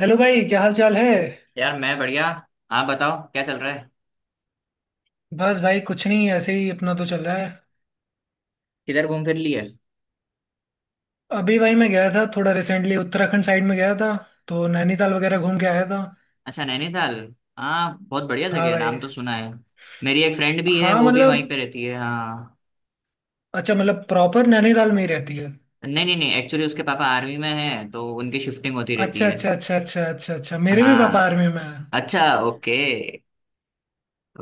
Hello भाई, क्या हाल चाल है। यार मैं बढ़िया। आप बताओ क्या चल रहा है। बस भाई, कुछ नहीं, ऐसे ही अपना तो चल रहा है। किधर घूम फिर लिए। अभी भाई मैं गया था, थोड़ा रिसेंटली उत्तराखंड साइड में गया था। तो नैनीताल वगैरह घूम के आया था। अच्छा, नैनीताल। हाँ, बहुत बढ़िया जगह हाँ है, भाई। नाम तो सुना है। मेरी एक फ्रेंड भी है, हाँ, वो भी वहीं मतलब। पे रहती है। हाँ। अच्छा, मतलब प्रॉपर नैनीताल में ही रहती है? नहीं नहीं नहीं, एक्चुअली उसके पापा आर्मी में हैं तो उनकी शिफ्टिंग होती रहती अच्छा है। अच्छा अच्छा अच्छा अच्छा अच्छा, मेरे भी पापा हाँ। आर्मी में है। अच्छा, ओके।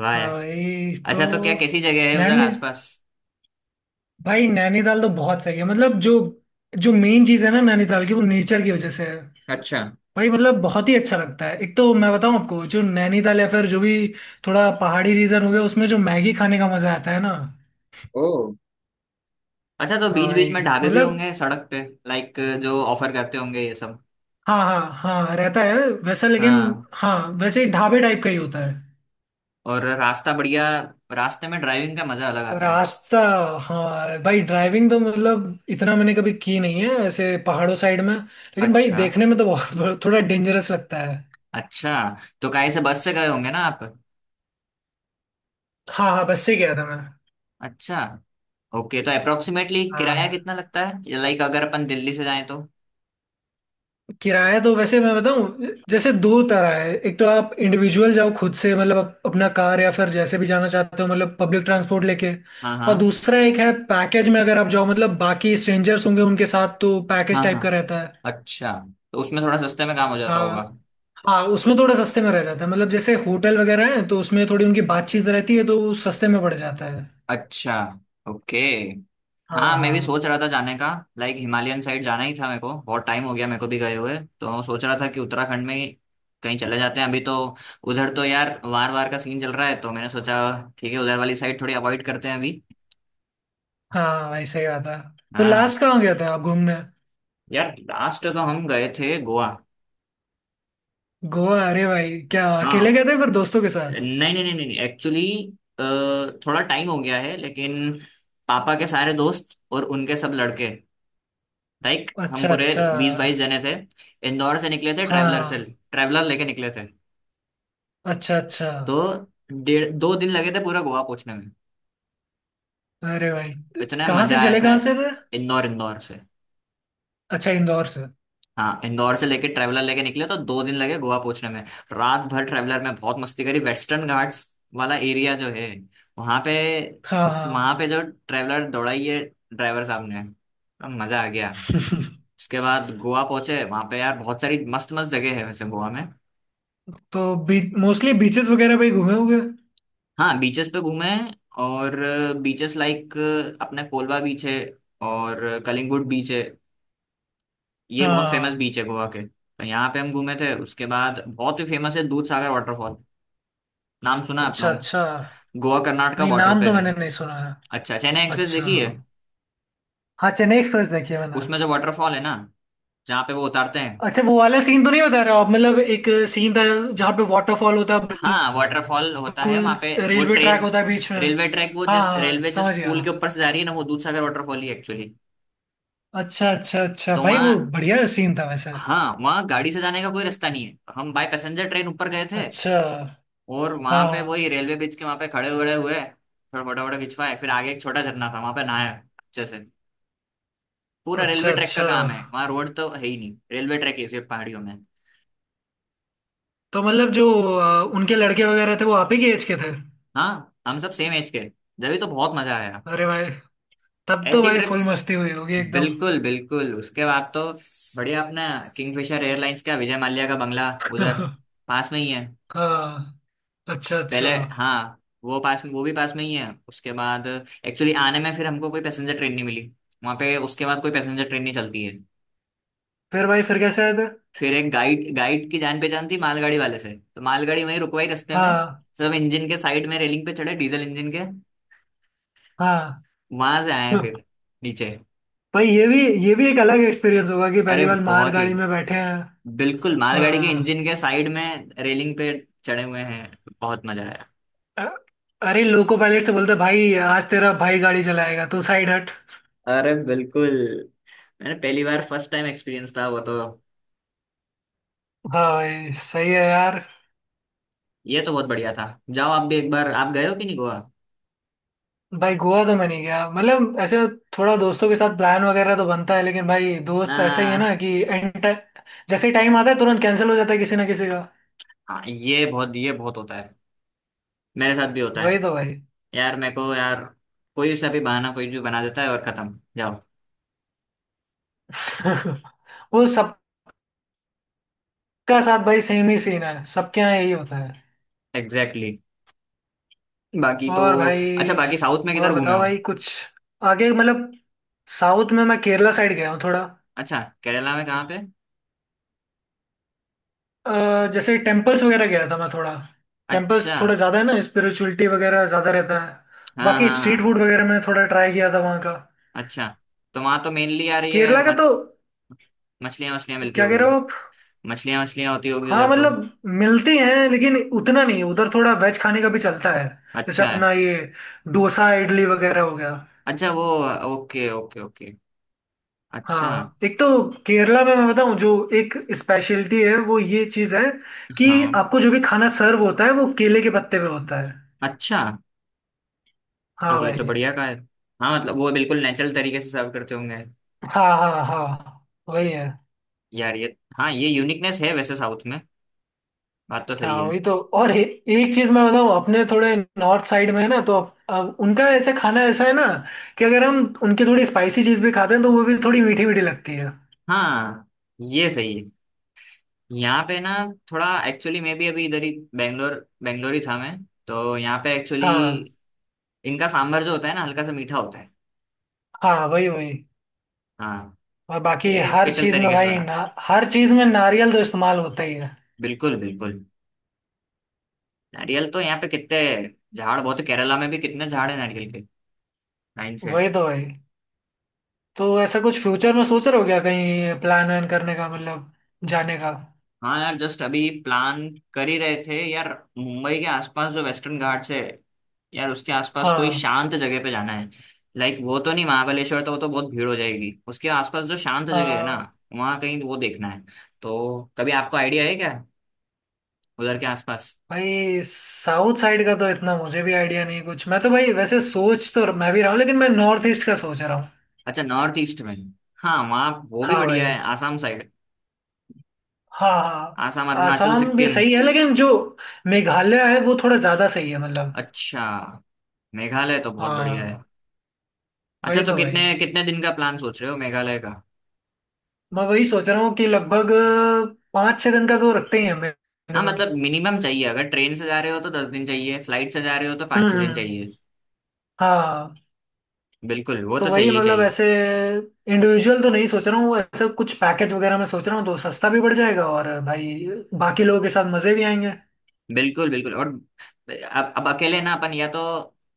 वाह हाँ यार। भाई, तो। अच्छा तो क्या कैसी जगह है उधर नैनी आसपास। भाई, नैनीताल तो बहुत सही है, मतलब जो जो मेन चीज़ है ना नैनीताल की, वो नेचर की वजह से है। अच्छा। भाई मतलब बहुत ही अच्छा लगता है। एक तो मैं बताऊं आपको, जो नैनीताल या फिर जो भी थोड़ा पहाड़ी रीजन हो गया, उसमें जो मैगी खाने का मजा आता है ना। ओ। अच्छा तो हाँ बीच बीच भाई। में ढाबे भी मतलब। होंगे सड़क पे। लाइक जो ऑफर करते होंगे ये सब। हाँ हाँ। हाँ, रहता है। वैसा, लेकिन। हाँ। हाँ। वैसे ही ढाबे टाइप का ही होता है। और रास्ता बढ़िया। रास्ते में ड्राइविंग का मजा अलग आता है। रास्ता। हाँ भाई, ड्राइविंग तो मतलब इतना मैंने कभी की नहीं है ऐसे पहाड़ों साइड में, लेकिन भाई अच्छा। देखने में तो बहुत थोड़ा डेंजरस लगता है। अच्छा तो काहे से बस से गए होंगे ना आप। हाँ हाँ, बस से गया था मैं। अच्छा, ओके। तो अप्रोक्सीमेटली किराया हाँ। कितना लगता है, लाइक अगर अपन दिल्ली से जाएं तो। किराया तो वैसे मैं बताऊं, जैसे दो तरह है। एक तो आप इंडिविजुअल जाओ खुद से, मतलब अपना कार या फिर जैसे भी जाना चाहते हो, मतलब पब्लिक ट्रांसपोर्ट लेके। हाँ और हाँ। दूसरा एक है पैकेज में, अगर आप जाओ मतलब बाकी स्ट्रेंजर्स होंगे उनके साथ, तो पैकेज हाँ टाइप का हाँ। रहता है। अच्छा तो उसमें थोड़ा सस्ते में काम हो जाता हाँ होगा। हाँ, उसमें थोड़ा सस्ते में रह जाता है, मतलब जैसे होटल वगैरह है तो उसमें थोड़ी उनकी बातचीत रहती है, तो वो सस्ते में पड़ जाता है। अच्छा, ओके। हाँ हाँ, मैं भी हाँ। सोच रहा था जाने का। लाइक हिमालयन साइड जाना ही था, मेरे को बहुत टाइम हो गया मेरे को भी गए हुए, तो सोच रहा था कि उत्तराखंड में ही कहीं चले जाते हैं अभी। तो उधर तो यार वार वार का सीन चल रहा है, तो मैंने सोचा ठीक है उधर वाली साइड थोड़ी अवॉइड करते हैं अभी। हाँ भाई, सही बात है। तो हाँ। लास्ट कहाँ गया था आप घूमने? यार लास्ट तो हम गए थे गोवा। गोवा? अरे भाई, क्या अकेले हाँ। गए थे फिर दोस्तों के साथ? नहीं नहीं नहीं नहीं, एक्चुअली थोड़ा टाइम हो गया है, लेकिन पापा के सारे दोस्त और उनके सब लड़के, लाइक हम अच्छा पूरे अच्छा। 20-22 जने थे। इंदौर से निकले थे ट्रैवलर से। हाँ। ट्रैवलर लेके निकले थे। अच्छा अच्छा। तो डेढ़ दो दिन लगे थे पूरा गोवा पहुंचने में। अरे भाई, इतने कहाँ से मजा आए चले, थे। कहाँ से थे? इंदौर, इंदौर से। अच्छा, इंदौर से। हाँ, इंदौर से लेके ट्रेवलर लेके निकले तो 2 दिन लगे गोवा पहुंचने में। रात भर ट्रेवलर में बहुत मस्ती करी। वेस्टर्न घाट्स वाला एरिया जो है, वहां पे हाँ हाँ। जो ट्रेवलर दौड़ाई है ड्राइवर साहब ने, तो मजा आ गया। उसके बाद गोवा पहुंचे, वहां पे यार बहुत सारी मस्त मस्त जगह है वैसे गोवा में। तो मोस्टली बीचेस वगैरह पे ही घूमे होंगे? हाँ, बीचेस पे घूमे हैं, और बीचेस लाइक अपने कोलवा बीच है और कलिंगुड बीच है। ये बहुत फेमस हाँ। बीच है गोवा के, तो यहाँ पे हम घूमे थे। उसके बाद बहुत ही फेमस है दूध सागर वाटरफॉल। नाम सुना है अच्छा अपनों। अच्छा। गोवा कर्नाटका नहीं, बॉर्डर नाम पे तो है। मैंने नहीं सुना है। अच्छा, चेन्नई एक्सप्रेस अच्छा। देखी है। हाँ, चेन्नई एक्सप्रेस देखी है मैंने। उसमें जो वाटरफॉल है ना, जहाँ पे वो उतारते हैं। अच्छा, वो वाला सीन तो नहीं बता रहे हो आप, मतलब एक सीन था जहाँ पे वाटरफॉल होता है। हाँ, वाटरफॉल होता है बिल्कुल, वहां पे। वो रेलवे ट्रैक ट्रेन, होता है बीच में। रेलवे ट्रैक, वो हाँ जिस हाँ, रेलवे जिस समझ गया। पुल के ऊपर से जा रही है ना, वो दूधसागर वाटरफॉल ही एक्चुअली। अच्छा अच्छा अच्छा तो भाई, वो वहाँ। बढ़िया सीन था वैसे। हाँ, वहाँ गाड़ी से जाने का कोई रास्ता नहीं है, हम बाय पैसेंजर ट्रेन ऊपर गए थे। अच्छा। और वहां हाँ पे हाँ। वही रेलवे ब्रिज के वहां पे खड़े हुए हुए फिर फोटो वोटो खिंचवाए, फिर आगे एक छोटा झरना था वहां पे नहाया अच्छे से। पूरा अच्छा रेलवे ट्रैक का अच्छा। काम है वहाँ, रोड तो है ही नहीं, रेलवे ट्रैक है सिर्फ पहाड़ियों में। तो मतलब जो उनके लड़के वगैरह थे, वो आप ही के एज के थे? हाँ, हम सब सेम एज के, जब तो बहुत मजा आया अरे भाई, तब तो ऐसी भाई ट्रिप्स। फुल मस्ती हुई होगी एकदम। बिल्कुल बिल्कुल, उसके बाद तो बढ़िया अपना किंगफिशर एयरलाइंस का विजय माल्या का बंगला उधर पास में ही है। हाँ। अच्छा अच्छा। पहले हाँ वो पास में, वो भी पास में ही है। उसके बाद एक्चुअली आने में फिर हमको कोई पैसेंजर ट्रेन नहीं मिली। वहाँ पे उसके बाद कोई पैसेंजर ट्रेन नहीं चलती है। फिर भाई, फिर कैसे आए थे? फिर एक गाइड गाइड की जान पहचान थी मालगाड़ी वाले से, तो मालगाड़ी वहीं रुकवाई रास्ते में। हाँ सब इंजन के साइड में रेलिंग पे चढ़े डीजल इंजन के, हाँ। वहां से आए हैं फिर नीचे। भाई, ये भी एक अलग एक्सपीरियंस होगा कि अरे पहली बार माल बहुत ही, गाड़ी में बैठे हैं। बिल्कुल मालगाड़ी के इंजन हाँ। के साइड में रेलिंग पे चढ़े हुए हैं, बहुत मजा आया। अ- अरे लोको पायलट से बोलते, भाई आज तेरा भाई गाड़ी चलाएगा, तू साइड हट। अरे बिल्कुल, मैंने पहली बार फर्स्ट टाइम एक्सपीरियंस था वो तो। हाँ भाई, सही है यार। ये तो बहुत बढ़िया था। जाओ आप भी एक बार, आप गए हो कि नहीं गोवा। भाई, गोवा तो मैं नहीं गया, मतलब ऐसे थोड़ा दोस्तों के साथ प्लान वगैरह तो बनता है, लेकिन भाई दोस्त ऐसे ही है ना, हाँ कि एंड जैसे ही टाइम आता है तुरंत कैंसिल हो जाता है किसी ना किसी का। हाँ। ये बहुत होता है, मेरे साथ भी होता वही है। तो भाई। यार मेरे को यार कोई सा भी बहाना कोई भी बना देता है और खत्म, जाओ। वो सबका साथ भाई, सेम ही सीन है, सबके यहाँ यही होता है। Exactly, exactly. बाकी तो। और अच्छा भाई, बाकी साउथ में और किधर घूमे बताओ हो। भाई कुछ आगे मतलब। साउथ में मैं केरला साइड गया हूँ थोड़ा। अच्छा, केरला में कहाँ पे। जैसे टेम्पल्स वगैरह गया था मैं थोड़ा। टेम्पल्स अच्छा, थोड़ा ज़्यादा है ना, स्पिरिचुअलिटी वगैरह ज़्यादा रहता है। हाँ बाकी हाँ स्ट्रीट हाँ। फूड वगैरह मैंने थोड़ा ट्राई किया था वहाँ का। अच्छा तो वहां तो मेनली यार ये केरला का तो। मछलियाँ मछलियाँ मिलती क्या कह होगी, रहे हो आप? मछलियाँ मछलियाँ होती होगी हाँ, उधर तो। मतलब मिलती हैं लेकिन उतना नहीं, उधर थोड़ा वेज खाने का भी चलता है। जैसे अच्छा है। अपना ये डोसा इडली वगैरह हो गया। अच्छा वो, ओके ओके ओके। अच्छा। हाँ, एक तो केरला में मैं बताऊं, जो एक स्पेशलिटी है वो ये चीज है कि हाँ। आपको जो भी खाना सर्व होता है वो केले के पत्ते पे होता है। अच्छा हाँ यार ये तो भाई। बढ़िया का है। हाँ मतलब वो बिल्कुल नेचुरल तरीके से सर्व करते होंगे। हाँ हाँ हाँ, वही है। यार ये, हाँ, ये यूनिकनेस है वैसे साउथ में। बात तो सही हाँ है। वही तो, और एक चीज मैं बताऊँ, अपने थोड़े नॉर्थ साइड में है ना तो अब उनका ऐसे खाना ऐसा है ना, कि अगर हम उनकी थोड़ी स्पाइसी चीज भी खाते हैं तो वो भी थोड़ी मीठी मीठी लगती है। हाँ, ये सही है। यहाँ पे ना, थोड़ा एक्चुअली मैं भी अभी इधर ही, बैंगलोर, बैंगलोर ही था मैं। तो यहाँ पे एक्चुअली हाँ इनका सांभर जो होता है ना हल्का सा मीठा होता है। हाँ, वही वही। हाँ, और बाकी ये हर स्पेशल चीज में तरीके से भाई ना, बनाते हैं। हर चीज में नारियल तो इस्तेमाल होता ही है। बिल्कुल बिल्कुल, नारियल तो यहाँ पे कितने झाड़ बहुत है। केरला में भी कितने झाड़ है नारियल के। नाइन से। वही तो भाई। तो ऐसा कुछ फ्यूचर में सोच रहे हो क्या कहीं प्लान वैन करने का, मतलब जाने का? हाँ यार, जस्ट अभी प्लान कर ही रहे थे यार। मुंबई के आसपास जो वेस्टर्न घाट से, यार उसके आसपास कोई हाँ। शांत जगह पे जाना है। लाइक वो तो नहीं, महाबलेश्वर तो वो तो बहुत भीड़ हो जाएगी, उसके आसपास जो शांत जगह है ना हाँ वहाँ कहीं वो देखना है। तो कभी आपको आइडिया है क्या उधर के आसपास। भाई, साउथ साइड का तो इतना मुझे भी आइडिया नहीं कुछ, मैं तो भाई वैसे सोच तो मैं भी रहा हूँ, लेकिन मैं नॉर्थ ईस्ट का सोच रहा हूँ। अच्छा, नॉर्थ ईस्ट में। हाँ, वहाँ वो भी हाँ बढ़िया भाई। है आसाम साइड। हाँ हाँ। आसाम, अरुणाचल, आसाम भी सिक्किम। सही है, लेकिन जो मेघालय है वो थोड़ा ज़्यादा सही है मतलब। अच्छा, मेघालय तो बहुत बढ़िया है। हाँ। अच्छा वही तो तो कितने भाई, कितने दिन का प्लान सोच रहे हो मेघालय का। मैं वही सोच रहा हूँ कि लगभग 5-6 दिन का तो रखते ही हैं हाँ मिनिमम। मतलब मिनिमम चाहिए, अगर ट्रेन से जा रहे हो तो 10 दिन चाहिए, फ्लाइट से जा रहे हो तो हम्म 5-6 दिन हम्म, चाहिए। हाँ। बिल्कुल, वो तो तो वही चाहिए ही मतलब चाहिए। ऐसे इंडिविजुअल तो नहीं सोच रहा हूँ, ऐसे कुछ पैकेज वगैरह मैं सोच रहा हूँ, तो सस्ता भी पड़ जाएगा और भाई बाकी लोगों के साथ मज़े भी आएंगे। बिल्कुल बिल्कुल। और अब अकेले ना अपन, या तो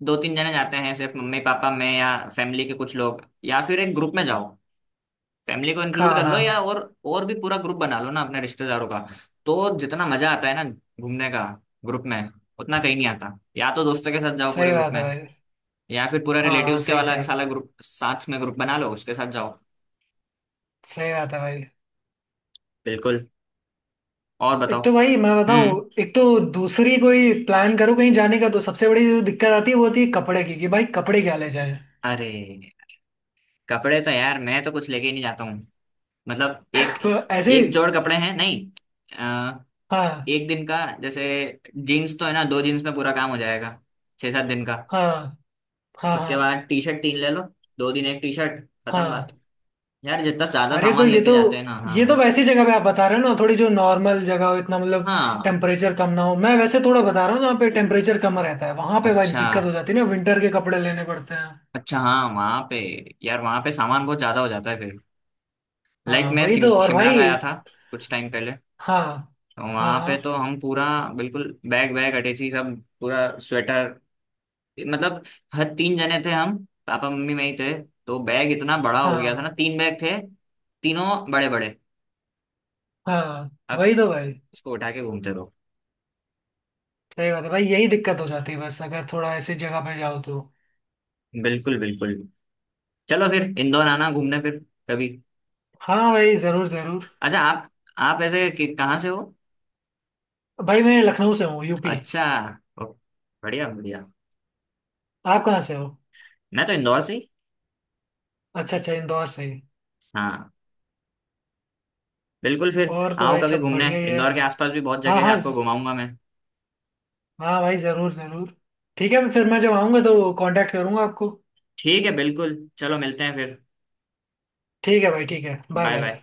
2-3 जने जाते हैं सिर्फ मम्मी पापा मैं, या फैमिली के कुछ लोग, या फिर एक ग्रुप में जाओ, फैमिली को हाँ इंक्लूड कर लो, या हाँ, और भी पूरा ग्रुप बना लो ना अपने रिश्तेदारों का। तो जितना मजा आता है ना घूमने का ग्रुप में, उतना कहीं नहीं आता। या तो दोस्तों के साथ जाओ सही पूरे ग्रुप बात है में, भाई। या फिर पूरा हाँ हाँ, रिलेटिव्स के सही वाला सही। साला ग्रुप, साथ में ग्रुप बना लो, उसके साथ जाओ। सही बात है भाई। बिल्कुल। और एक बताओ। तो भाई मैं बताऊं, हम्म। एक तो दूसरी, कोई प्लान करो कहीं जाने का तो सबसे बड़ी जो दिक्कत आती है वो होती है कपड़े की, कि भाई कपड़े क्या ले जाएं। अरे कपड़े तो यार मैं तो कुछ लेके ही नहीं जाता हूँ, मतलब एक तो ऐसे। एक जोड़ कपड़े हैं नहीं। अ, हाँ। एक दिन का जैसे जीन्स तो है ना, दो जीन्स में पूरा काम हो जाएगा 6-7 दिन का। हाँ हाँ। उसके हाँ बाद टी शर्ट तीन ले लो, 2 दिन एक टी शर्ट, खत्म बात। हाँ। यार जितना ज्यादा अरे तो सामान ये लेके तो जाते हैं ना। ये तो हाँ वैसी जगह पे आप बता रहे हो ना, थोड़ी जो नॉर्मल जगह हो इतना मतलब हाँ। टेम्परेचर कम ना हो, मैं वैसे थोड़ा बता रहा हूँ जहाँ पे टेम्परेचर कम रहता है वहां पे भाई अच्छा, दिक्कत हो जाती है ना, विंटर के कपड़े लेने पड़ते हैं। अच्छा हाँ वहाँ पे, यार वहाँ पे सामान बहुत ज्यादा हो जाता है फिर। लाइक हाँ मैं वही तो, और शिमला भाई। गया था कुछ टाइम पहले। हाँ हाँ। वहां पे हाँ तो हम पूरा बिल्कुल बैग वैग अटैची सब पूरा स्वेटर, मतलब हर, तीन जने थे हम, पापा मम्मी मैं ही थे, तो बैग इतना बड़ा हो गया था ना, हाँ। तीन बैग थे तीनों, बड़े बड़े। हाँ। अब वही तो भाई। इसको उठा के घूमते रहो। सही बात है भाई, यही दिक्कत हो जाती है बस, अगर थोड़ा ऐसी जगह पे जाओ तो। बिल्कुल बिल्कुल, चलो फिर इंदौर आना घूमने फिर कभी। हाँ भाई, जरूर जरूर। अच्छा आप, कहाँ से हो। भाई मैं लखनऊ से हूँ, यूपी। अच्छा। ओ, बढ़िया बढ़िया। आप कहाँ से हो? मैं तो इंदौर से ही। अच्छा अच्छा, इंदौर से ही। हाँ, बिल्कुल फिर और तो आओ भाई कभी सब घूमने, बढ़िया ही है। इंदौर के आसपास भी बहुत हाँ जगह है, हाँ आपको घुमाऊंगा मैं। हाँ भाई, जरूर जरूर। ठीक है, फिर मैं जब आऊँगा तो कांटेक्ट करूँगा आपको। ठीक है, बिल्कुल चलो मिलते हैं फिर। ठीक है भाई, ठीक है, बाय बाय बाय। बाय।